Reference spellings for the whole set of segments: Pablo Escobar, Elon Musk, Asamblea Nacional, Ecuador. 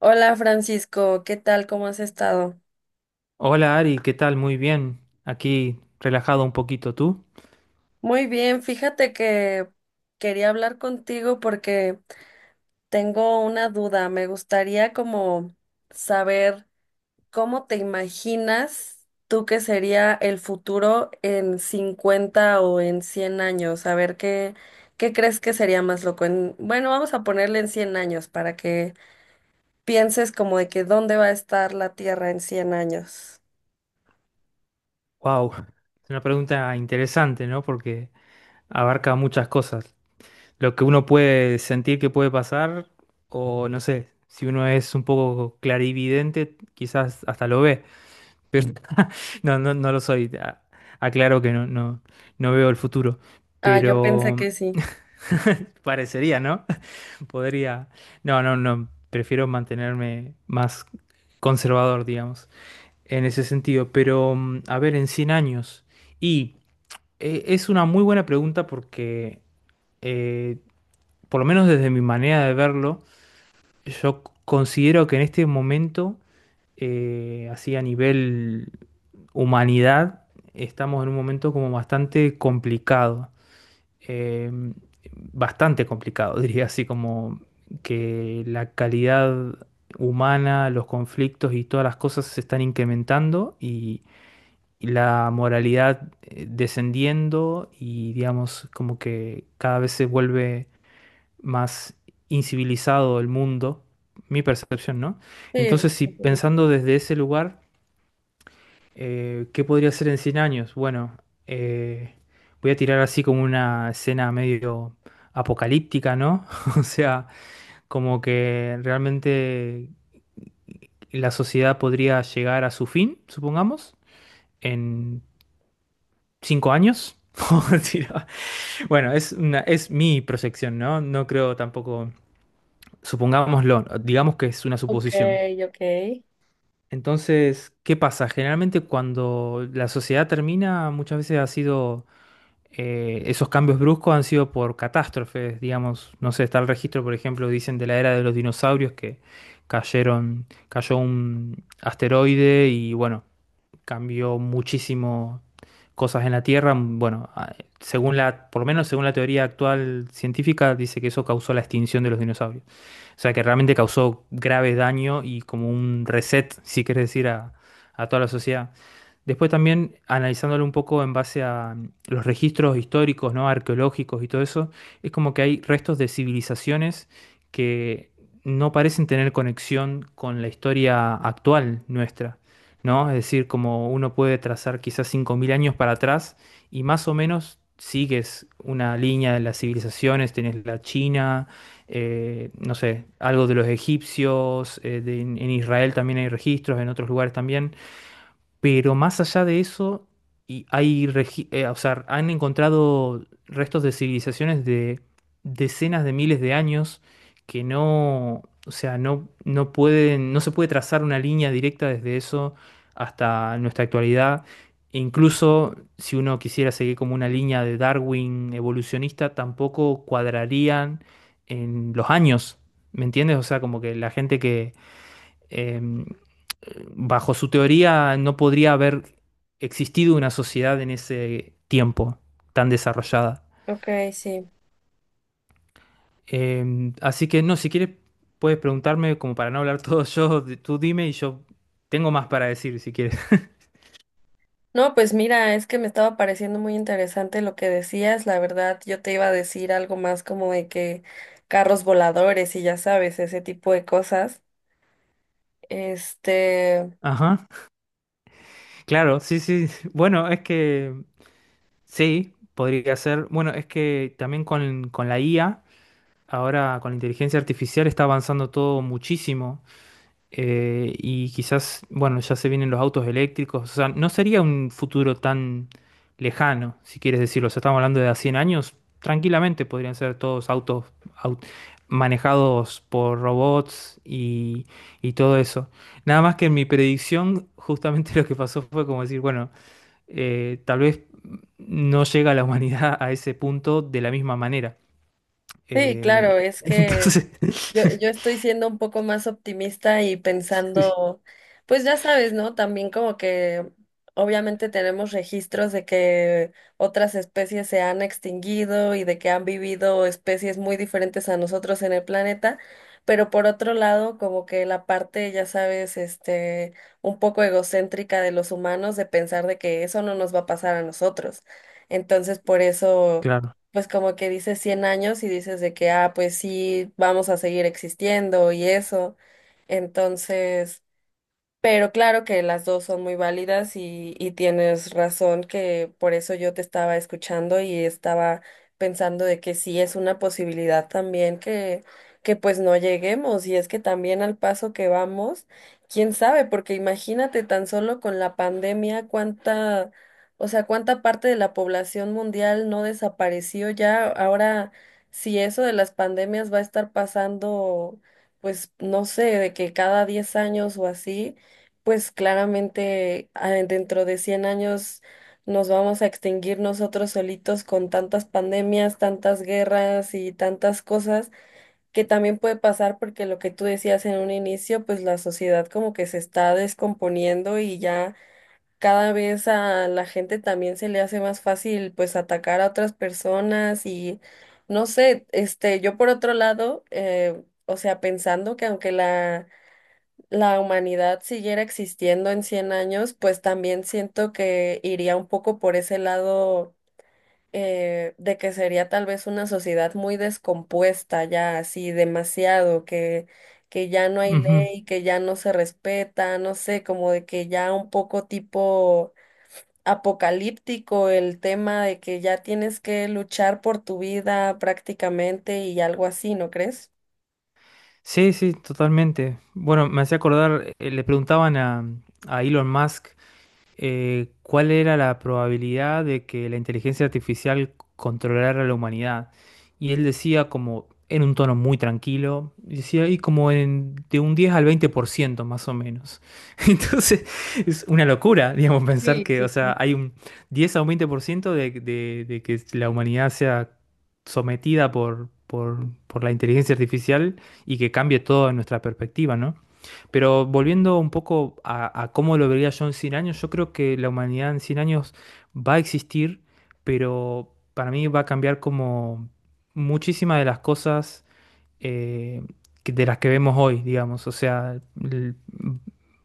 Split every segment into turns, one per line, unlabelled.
Hola Francisco, ¿qué tal? ¿Cómo has estado?
Hola Ari, ¿qué tal? Muy bien. Aquí relajado un poquito tú.
Muy bien, fíjate que quería hablar contigo porque tengo una duda. Me gustaría como saber cómo te imaginas tú que sería el futuro en 50 o en 100 años. A ver qué crees que sería más loco. Bueno, vamos a ponerle en 100 años para que pienses como de que dónde va a estar la Tierra en 100 años.
Wow, es una pregunta interesante, ¿no? Porque abarca muchas cosas. Lo que uno puede sentir que puede pasar, o no sé, si uno es un poco clarividente, quizás hasta lo ve. Pero no, no, no lo soy. Aclaro que no, no, no veo el futuro.
Ah, yo pensé
Pero
que sí.
parecería, ¿no? Podría. No, no, no. Prefiero mantenerme más conservador, digamos, en ese sentido. Pero, a ver, en 100 años. Y es una muy buena pregunta porque, eh, por lo menos desde mi manera de verlo, yo considero que en este momento, así a nivel humanidad, estamos en un momento como bastante complicado. Eh, Bastante complicado, diría así, como que la calidad humana, los conflictos y todas las cosas se están incrementando y la moralidad descendiendo, y digamos como que cada vez se vuelve más incivilizado el mundo, mi percepción, ¿no?
Sí.
Entonces, si pensando desde ese lugar, ¿qué podría ser en 100 años? Bueno, eh, voy a tirar así como una escena medio apocalíptica, ¿no? O sea, como que realmente la sociedad podría llegar a su fin, supongamos, en 5 años. Sí, no. Bueno, es mi proyección, ¿no? No creo tampoco, supongámoslo, digamos que es una
Ok,
suposición.
ok,
Entonces, ¿qué pasa? Generalmente cuando la sociedad termina, muchas veces ha sido, esos cambios bruscos han sido por catástrofes, digamos, no sé, está el registro, por ejemplo, dicen de la era de los dinosaurios que cayeron, cayó un asteroide y bueno, cambió muchísimo cosas en la Tierra. Bueno, según la, por lo menos según la teoría actual científica, dice que eso causó la extinción de los dinosaurios. O sea que realmente causó grave daño y como un reset, si quieres decir, a toda la sociedad. Después también analizándolo un poco en base a los registros históricos, ¿no? Arqueológicos y todo eso, es como que hay restos de civilizaciones que no parecen tener conexión con la historia actual nuestra, ¿no? Es decir, como uno puede trazar quizás 5000 años para atrás y más o menos sigues una línea de las civilizaciones, tenés la China, no sé, algo de los egipcios, en Israel también hay registros, en otros lugares también. Pero más allá de eso, o sea, han encontrado restos de civilizaciones de decenas de miles de años que no se puede trazar una línea directa desde eso hasta nuestra actualidad. E incluso si uno quisiera seguir como una línea de Darwin evolucionista, tampoco cuadrarían en los años. ¿Me entiendes? O sea, como que la gente que em, bajo su teoría no podría haber existido una sociedad en ese tiempo tan desarrollada.
ok, sí.
Así que no, si quieres puedes preguntarme como para no hablar todo yo, tú dime y yo tengo más para decir si quieres.
No, pues mira, es que me estaba pareciendo muy interesante lo que decías. La verdad, yo te iba a decir algo más como de que carros voladores y ya sabes, ese tipo de cosas. Este,
Ajá, claro, sí, sí. Bueno, es que sí, podría ser. Bueno, es que también con la IA, ahora con la inteligencia artificial está avanzando todo muchísimo. Y quizás, bueno, ya se vienen los autos eléctricos, o sea, no sería un futuro tan lejano, si quieres decirlo, o sea, estamos hablando de a 100 años, tranquilamente podrían ser todos autos au- manejados por robots y todo eso. Nada más que en mi predicción, justamente lo que pasó fue como decir, bueno, tal vez no llega la humanidad a ese punto de la misma manera.
sí,
Eh,
claro, es que
entonces,
yo estoy siendo un poco más optimista y
sí,
pensando, pues ya sabes, ¿no? También como que obviamente tenemos registros de que otras especies se han extinguido y de que han vivido especies muy diferentes a nosotros en el planeta, pero por otro lado, como que la parte, ya sabes, este, un poco egocéntrica de los humanos de pensar de que eso no nos va a pasar a nosotros. Entonces, por eso
claro.
pues como que dices 100 años y dices de que, ah, pues sí, vamos a seguir existiendo y eso. Entonces, pero claro que las dos son muy válidas y tienes razón que por eso yo te estaba escuchando y estaba pensando de que sí es una posibilidad también que pues no lleguemos y es que también al paso que vamos, quién sabe, porque imagínate tan solo con la pandemia o sea, cuánta parte de la población mundial no desapareció ya. Ahora, si eso de las pandemias va a estar pasando, pues no sé, de que cada 10 años o así pues claramente ah, dentro de 100 años nos vamos a extinguir nosotros solitos con tantas pandemias, tantas guerras y tantas cosas que también puede pasar porque lo que tú decías en un inicio, pues la sociedad como que se está descomponiendo y ya cada vez a la gente también se le hace más fácil pues atacar a otras personas y no sé, este, yo por otro lado, o sea, pensando que aunque la humanidad siguiera existiendo en 100 años, pues también siento que iría un poco por ese lado de que sería tal vez una sociedad muy descompuesta ya, así demasiado, que ya no hay ley, que ya no se respeta, no sé, como de que ya un poco tipo apocalíptico el tema de que ya tienes que luchar por tu vida prácticamente y algo así, ¿no crees?
Sí, sí, totalmente. Bueno, me hacía acordar, a Elon Musk cuál era la probabilidad de que la inteligencia artificial controlara a la humanidad. Y él decía como en un tono muy tranquilo, decía y como en, de un 10 al 20 por ciento más o menos. Entonces es una locura, digamos, pensar
Sí,
que,
sí,
o sea,
sí.
hay un 10 a un 20% de que la humanidad sea sometida por la inteligencia artificial y que cambie todo en nuestra perspectiva, ¿no? Pero volviendo un poco a cómo lo vería yo en 100 años, yo creo que la humanidad en 100 años va a existir, pero para mí va a cambiar como muchísimas de las cosas eh, de las que vemos hoy, digamos.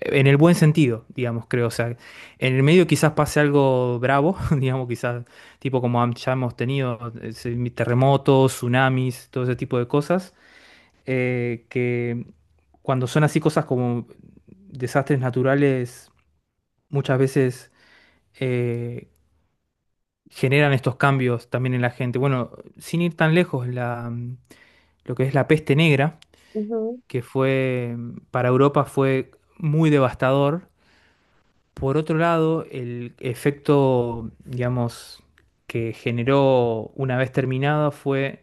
En el buen sentido, digamos, creo. O sea, en el medio quizás pase algo bravo, digamos, quizás tipo ya hemos tenido terremotos, tsunamis, todo ese tipo de cosas que cuando son así cosas como desastres naturales, muchas veces eh, generan estos cambios también en la gente. Bueno, sin ir tan lejos, lo que es la peste negra,
Ujú.
que fue, para Europa fue muy devastador. Por otro lado, el efecto, digamos, que generó una vez terminada fue,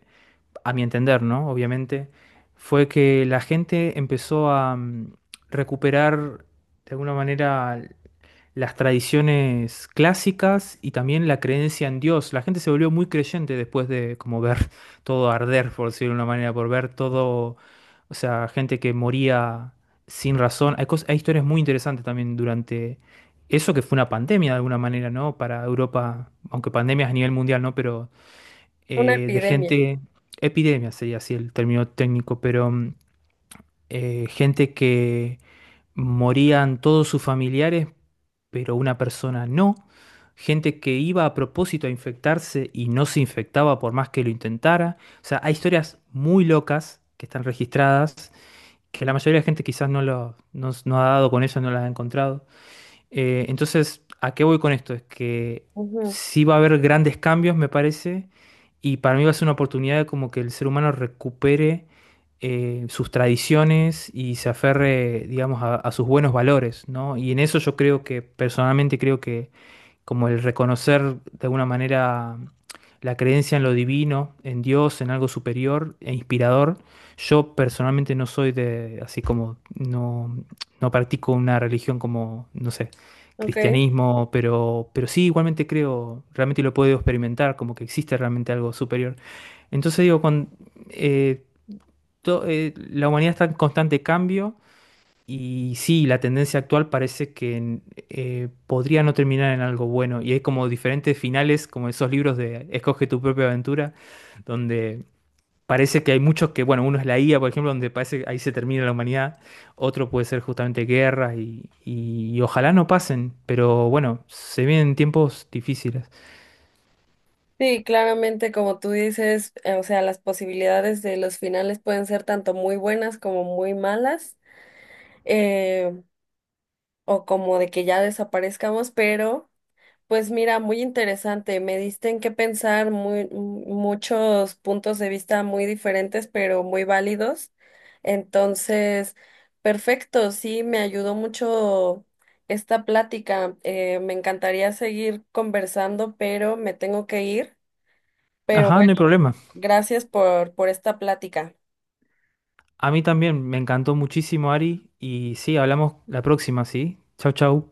a mi entender, ¿no? Obviamente, fue que la gente empezó a recuperar de alguna manera las tradiciones clásicas y también la creencia en Dios. La gente se volvió muy creyente después de como ver todo arder, por decirlo de una manera, por ver todo, o sea, gente que moría sin razón. Hay historias muy interesantes también durante eso que fue una pandemia de alguna manera, ¿no? Para Europa, aunque pandemias a nivel mundial, ¿no? Pero
Una
eh, de
epidemia.
gente, epidemia sería así el término técnico, pero gente que morían todos sus familiares, pero una persona no, gente que iba a propósito a infectarse y no se infectaba por más que lo intentara. O sea, hay historias muy locas que están registradas, que la mayoría de la gente quizás no, lo, no, no ha dado con ellas, no las ha encontrado. Entonces, ¿a qué voy con esto? Es que
Ujú,
sí va a haber grandes cambios, me parece, y para mí va a ser una oportunidad de como que el ser humano recupere sus tradiciones y se aferre, digamos, a sus buenos valores, ¿no? Y en eso yo creo que, personalmente creo que como el reconocer de alguna manera la creencia en lo divino, en Dios, en algo superior e inspirador. Yo personalmente no soy de, así como, no, no practico una religión como, no sé,
ok.
cristianismo, pero sí, igualmente creo, realmente lo puedo experimentar, como que existe realmente algo superior. Entonces digo, con, eh, la humanidad está en constante cambio y sí, la tendencia actual parece que podría no terminar en algo bueno. Y hay como diferentes finales, como esos libros de Escoge tu propia aventura, donde parece que hay muchos que, bueno, uno es la IA, por ejemplo, donde parece que ahí se termina la humanidad. Otro puede ser justamente guerras y ojalá no pasen. Pero bueno, se vienen tiempos difíciles.
Sí, claramente, como tú dices, o sea, las posibilidades de los finales pueden ser tanto muy buenas como muy malas, eh, o como de que ya desaparezcamos, pero pues mira, muy interesante, me diste en qué pensar m- muchos puntos de vista muy diferentes, pero muy válidos. Entonces, perfecto, sí, me ayudó mucho esta plática. Eh, me encantaría seguir conversando, pero me tengo que ir. Pero
Ajá, no
bueno,
hay problema.
gracias por esta plática.
A mí también me encantó muchísimo, Ari. Y sí, hablamos la próxima, ¿sí? Chau, chau.